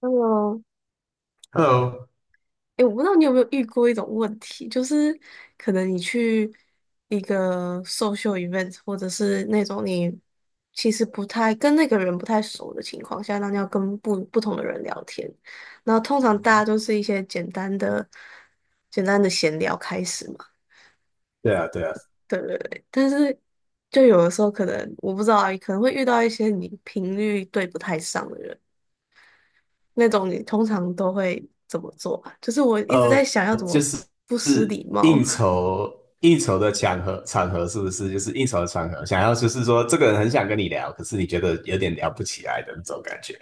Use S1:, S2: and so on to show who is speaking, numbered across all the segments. S1: 嗯，
S2: Hello。
S1: 诶，我不知道你有没有遇过一种问题，就是可能你去一个 social event，或者是那种你其实不太跟那个人不太熟的情况下，那你要跟不同的人聊天，然后通常大家都是一些简单的、简单的闲聊开始嘛，
S2: 对啊，对啊，
S1: 对对对。但是就有的时候可能我不知道啊，可能会遇到一些你频率对不太上的人。那种你通常都会怎么做啊？就是我一直在
S2: 呃，
S1: 想要怎
S2: 就
S1: 么
S2: 是
S1: 不失
S2: 是
S1: 礼貌，
S2: 应 酬应酬的场合是不是，就是应酬的场合，想要就是说这个人很想跟你聊，可是你觉得有点聊不起来的那种感觉，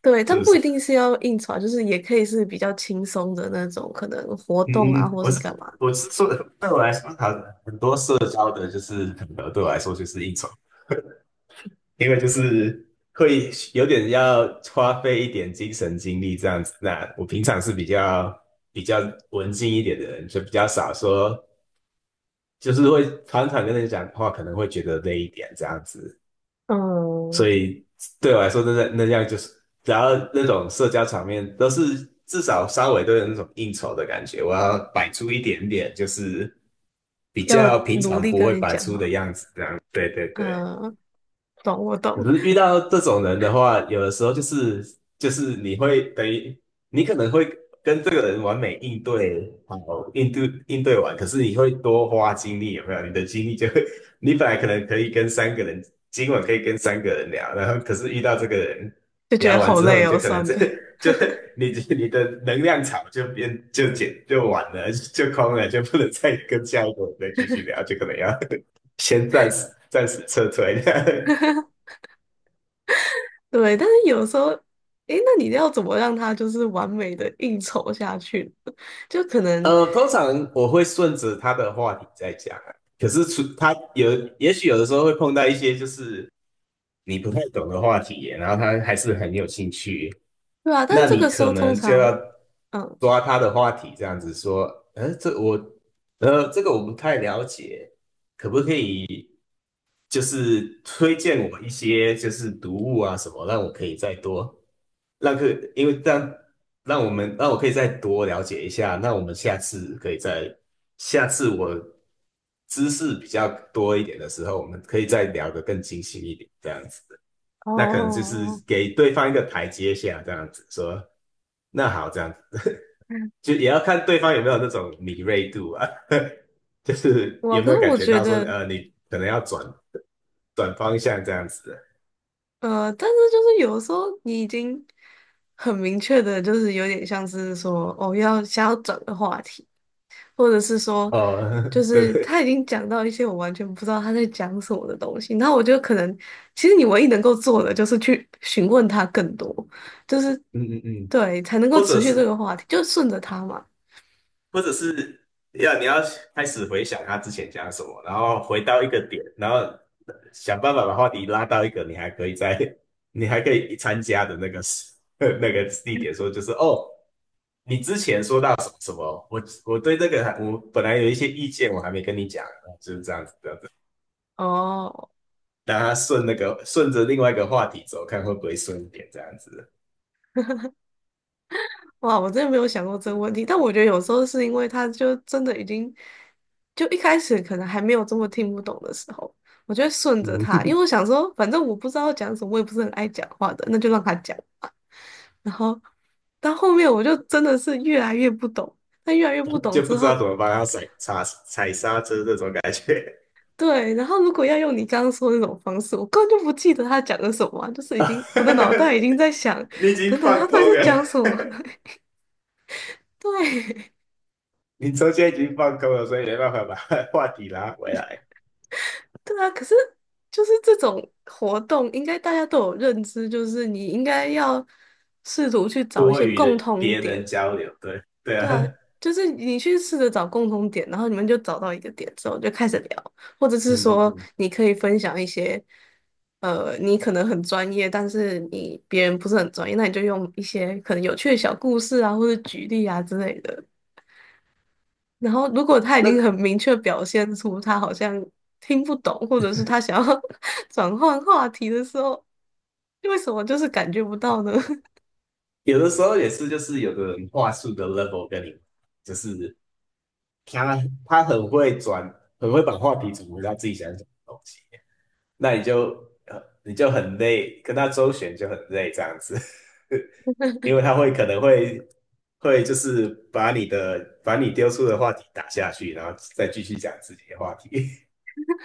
S1: 对，
S2: 是
S1: 但
S2: 不
S1: 不
S2: 是？
S1: 一定是要应酬啊，就是也可以是比较轻松的那种，可能活动
S2: 嗯嗯，
S1: 啊，
S2: 嗯
S1: 或
S2: 我
S1: 是干
S2: 是
S1: 嘛。
S2: 我是说，对我来说，好很多社交的就是场合对我来说就是应酬，因为就是会有点要花费一点精神精力这样子。那我平常是比较比较文静一点的人，就比较少说就是会常常跟人讲话，可能会觉得累一点这样子。所
S1: 嗯，
S2: 以对我来说，那那样就是，然后那种社交场面都是至少稍微都有那种应酬的感觉，我要摆出一点点，就是比
S1: 要
S2: 较平
S1: 努
S2: 常
S1: 力
S2: 不
S1: 跟
S2: 会
S1: 人
S2: 摆
S1: 讲
S2: 出的
S1: 哈。
S2: 样子，这样。对对对。
S1: 嗯，懂我
S2: 可
S1: 懂，
S2: 是遇 到这种人的话，有的时候就是你会等于你可能会跟这个人完美应对，好应对完，可是你会多花精力，有没有？你的精力就会，你本来可能可以跟三个人，今晚可以跟三个人聊，然后可是遇到这个人
S1: 就觉
S2: 聊
S1: 得
S2: 完
S1: 好
S2: 之后，
S1: 累
S2: 你就
S1: 哦，
S2: 可能
S1: 算
S2: 这
S1: 了。
S2: 就你的能量场就变就减就完了，就空了，就不能再跟下一个人再继续聊，就可能要 先暂时撤退。
S1: 对，但是有时候，诶，那你要怎么让他就是完美的应酬下去呢？ 就可能，
S2: 通常我会顺着他的话题在讲啊，可是除他有，也许有的时候会碰到一些就是你不太懂的话题耶，然后他还是很有兴趣，
S1: 对啊，但
S2: 那
S1: 这
S2: 你
S1: 个时
S2: 可
S1: 候通
S2: 能就要
S1: 常，嗯，
S2: 抓他的话题，这样子说，这我，这个我不太了解，就是推荐我一些就是读物啊什么，让我可以再多让可，因为这样让我们让我可以再多了解一下，那我们下次可以再下次我知识比较多一点的时候，我们可以再聊得更精细一点，这样子，那可能就是
S1: 哦，
S2: 给对方一个台阶下，这样子说，那好，这样子 就也要看对方有没有那种敏锐度啊。就是
S1: 哇，
S2: 有没
S1: 可
S2: 有
S1: 是
S2: 感
S1: 我
S2: 觉
S1: 觉
S2: 到说，
S1: 得。
S2: 你可能要转转方向这样子的。
S1: 呃，但是就是有的时候你已经很明确的，就是有点像是说，哦，要想要转个话题，或者是说，
S2: 哦，
S1: 就
S2: 对
S1: 是他
S2: 对，
S1: 已经讲到一些我完全不知道他在讲什么的东西，那我就可能，其实你唯一能够做的就是去询问他更多，就是
S2: 嗯嗯嗯，
S1: 对，才能够
S2: 或者
S1: 持续这个
S2: 是
S1: 话题，就顺着他嘛。
S2: 或者是你要开始回想他之前讲什么，然后回到一个点，然后想办法把话题拉到一个你还可以在 你还可以参加的那个时 那个地点说，就是哦，你之前说到什么什么，我对这个还我本来有一些意见，我还没跟你讲，就是这样子，
S1: 哦，
S2: 让他顺那个顺着另外一个话题走，看会不会顺一点这样子。
S1: 哇，我真的没有想过这个问题，但我觉得有时候是因为他就真的已经，就一开始可能还没有这么听不懂的时候，我就会顺着
S2: 嗯
S1: 他，因为我想说，反正我不知道讲什么，我也不是很爱讲话的，那就让他讲吧。然后到后面我就真的是越来越不懂，但越来越不懂
S2: 就不
S1: 之
S2: 知道
S1: 后，
S2: 怎么帮他踩刹车这种感觉。
S1: 对，然后如果要用你刚刚说的那种方式，我根本就不记得他讲的什么啊，就是已经我的脑袋已经在想，
S2: 你已经
S1: 等等，他
S2: 放
S1: 到底在
S2: 空了，
S1: 讲什么？对。
S2: 你中间已经放空了，所以没办法把话题拉回来，
S1: 对啊，可是就是这种活动，应该大家都有认知，就是你应该要试图去找一
S2: 多
S1: 些
S2: 余
S1: 共
S2: 的
S1: 通
S2: 别人
S1: 点，
S2: 交流，对对啊，
S1: 就是你去试着找共通点，然后你们就找到一个点之后就开始聊，或者
S2: 嗯
S1: 是
S2: 嗯
S1: 说
S2: 嗯，
S1: 你可以分享一些，呃，你可能很专业，但是你别人不是很专业，那你就用一些可能有趣的小故事啊，或者举例啊之类的，然后如果他已经很
S2: 那
S1: 明确表现出他好像听不懂，或者是他想要 转换话题的时候，为什么就是感觉不到呢？
S2: 有的时候也是，就是有的人话术的 level 跟你，就是他很会转，很会把话题转回到自己想讲的东西，那你就你就很累，跟他周旋就很累这样子，因为他会可能会就是把你的把你丢出的话题打下去，然后再继续讲自己的话题。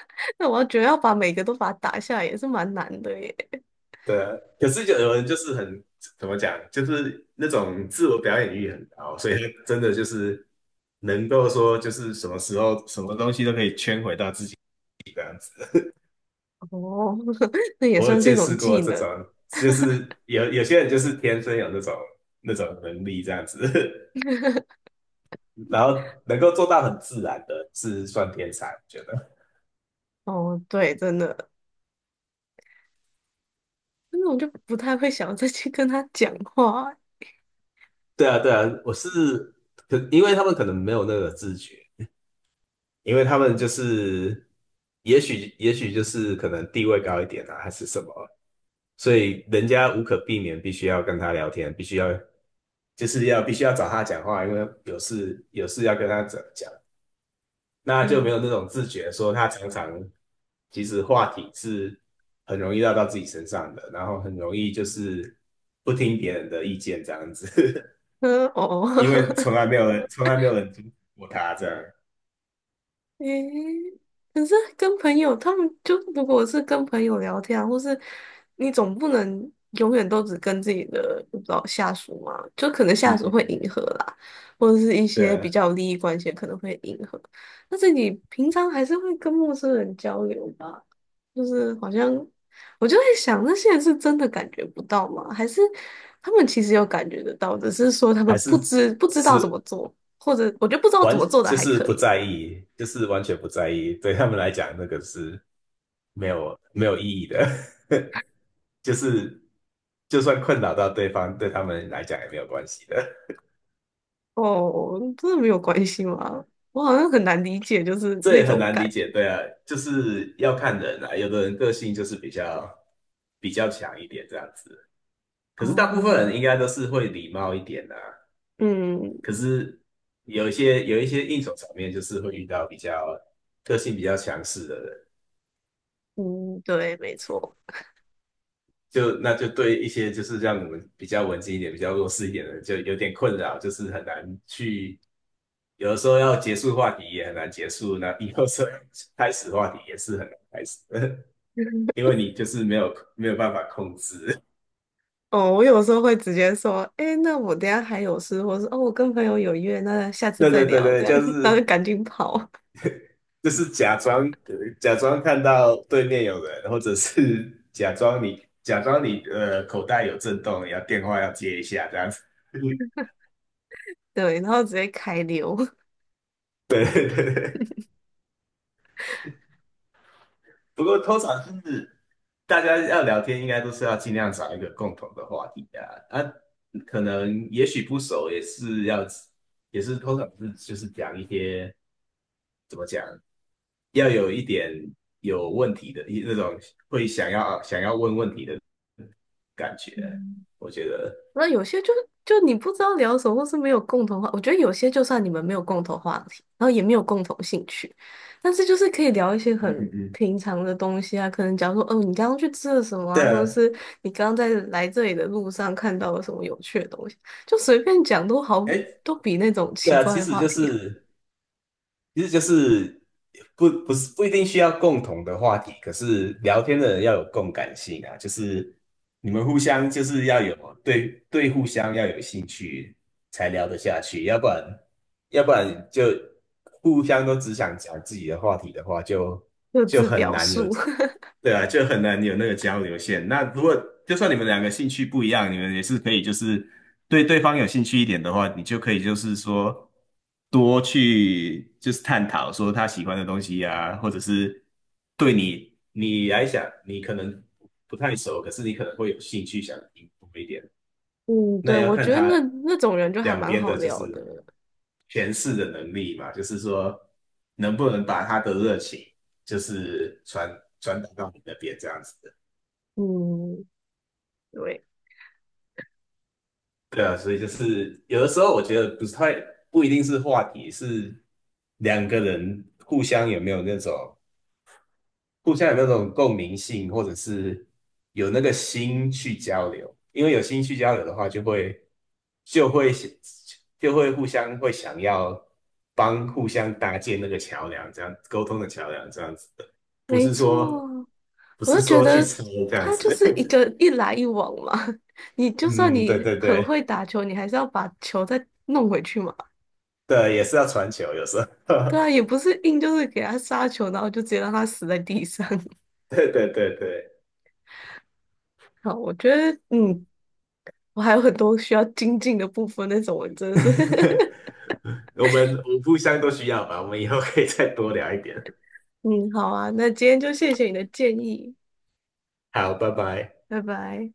S1: 那我觉得要把每个都把它打下来也是蛮难的耶。
S2: 对啊，可是就有人就是很怎么讲，就是那种自我表演欲很高，所以他真的就是能够说就是什么时候什么东西都可以圈回到自己。
S1: 哦，那也
S2: 我有
S1: 算是一
S2: 见
S1: 种
S2: 识过
S1: 技
S2: 这种，
S1: 能。
S2: 就是有些人就是天生有那种能力这样子，然后能够做到很自然的，是算天才，我觉得。
S1: 哦，对，真的，那我就不太会想要再去跟他讲话。
S2: 对啊，对啊，我是可，因为他们可能没有那个自觉，因为他们就是，也许就是可能地位高一点啊，还是什么，所以人家无可避免必须要跟他聊天，必须要就是要必须要找他讲话，因为有事要跟他讲那就没
S1: 嗯，
S2: 有那种自觉，说他常常其实话题是很容易绕到自己身上的，然后很容易就是不听别人的意见这样子，
S1: 呃哦。
S2: 因为 从来没有人听过他这样，
S1: 诶，可是跟朋友，他们就如果是跟朋友聊天啊，或是你总不能永远都只跟自己的不知道下属嘛，就可能
S2: 嗯
S1: 下属
S2: 嗯
S1: 会迎
S2: 嗯，
S1: 合啦，或者是一些
S2: 对，
S1: 比较有利益关系可能会迎合，但是你平常还是会跟陌生人交流吧，就是好像我就在想，那些人是真的感觉不到吗？还是他们其实有感觉得到，只是说他
S2: 还
S1: 们不
S2: 是
S1: 知不
S2: 只
S1: 知道怎
S2: 是
S1: 么做，或者我觉得不知道怎
S2: 完
S1: 么做的
S2: 就
S1: 还
S2: 是
S1: 可
S2: 不
S1: 以。
S2: 在意，就是完全不在意，对他们来讲那个是没有意义的，就是就算困扰到对方，对他们来讲也没有关系的。
S1: 哦，真的没有关系吗？我好像很难理解，就是
S2: 这
S1: 那
S2: 也很
S1: 种
S2: 难
S1: 感
S2: 理
S1: 觉。
S2: 解，对啊，就是要看人啊，有的人个性就是比较强一点这样子，可是大部分
S1: 哦，
S2: 人应该都是会礼貌一点的啊，
S1: 嗯
S2: 有一些应酬场面就是会遇到比较个性比较强势的人，
S1: 嗯，对，没错。
S2: 就那就对一些就是让我们比较文静一点、比较弱势一点的人就有点困扰，就是很难去，有的时候要结束话题也很难结束，那有的时候开始话题也是很难开始，因 为你就是没有办法控制。
S1: 哦，我有时候会直接说，哎，那我等一下还有事，或是哦，我跟朋友有约，那下 次
S2: 对
S1: 再
S2: 对对
S1: 聊，这
S2: 对，
S1: 样，
S2: 就
S1: 然后
S2: 是
S1: 就赶紧跑，
S2: 假装假装看到对面有人，或者是假装你口袋有震动，要电话要接一下这样子。
S1: 对，然后直接开溜。
S2: 对对对对，不过通常是大家要聊天，应该都是要尽量找一个共同的话题啊。啊，可能也许不熟，也是要通常是就是讲一些怎么讲，要有一点有问题的一那种会想要问问题的感觉，
S1: 嗯，
S2: 我觉得，
S1: 那有些就就你不知道聊什么，或是没有共同话，我觉得有些就算你们没有共同话题，然后也没有共同兴趣，但是就是可以聊一些
S2: 嗯嗯
S1: 很
S2: 嗯，
S1: 平常的东西啊，可能假如说，哦，你刚刚去吃了什么
S2: 对
S1: 啊，或者
S2: 啊，
S1: 是你刚刚在来这里的路上看到了什么有趣的东西，就随便讲都好，
S2: 哎，
S1: 都比那种
S2: 对
S1: 奇
S2: 啊，
S1: 怪
S2: 其
S1: 的
S2: 实
S1: 话
S2: 就
S1: 题
S2: 是，其实就是不不一定需要共同的话题，可是聊天的人要有共感性啊，就是你们互相就是要有对对互相要有兴趣才聊得下去，要不然就互相都只想讲自己的话题的话，就
S1: 各
S2: 就
S1: 自
S2: 很
S1: 表
S2: 难有
S1: 述。
S2: 对啊，就很难有那个交流线。那如果就算你们两个兴趣不一样，你们也是可以，就是对对方有兴趣一点的话，你就可以就是说多去就是探讨说他喜欢的东西啊，或者是对你来讲，你可能不太熟，可是你可能会有兴趣想听多一点。
S1: 嗯，
S2: 那
S1: 对，
S2: 也要
S1: 我
S2: 看
S1: 觉得
S2: 他
S1: 那那种人就还
S2: 两
S1: 蛮
S2: 边
S1: 好
S2: 的就
S1: 聊的。
S2: 是诠释的能力嘛，就是说能不能把他的热情就是传传达到你那边这样子的。
S1: 嗯，对，
S2: 对啊，所以就是有的时候我觉得不太不一定是话题，是两个人互相有没有那种。互相有那种共鸣性，或者是有那个心去交流。因为有心去交流的话，就会就会互相会想要帮互相搭建那个桥梁，这样沟通的桥梁，这样子的，不
S1: 没
S2: 是
S1: 错。
S2: 说
S1: 我就觉
S2: 去
S1: 得
S2: 抄这样
S1: 它就
S2: 子。
S1: 是一 个一来一往嘛。你就算
S2: 嗯，对
S1: 你
S2: 对
S1: 很会
S2: 对
S1: 打球，你还是要把球再弄回去嘛。
S2: 对，也是要传球，有时候，
S1: 对啊，也不是硬就是给他杀球，然后就直接让他死在地上。
S2: 对对对对。
S1: 好，我觉得嗯，我还有很多需要精进的部分，那种我真的是
S2: 我们互相都需要吧，我们以后可以再多聊一点。
S1: 嗯，好啊，那今天就谢谢你的建议，
S2: 好，拜拜。
S1: 拜拜。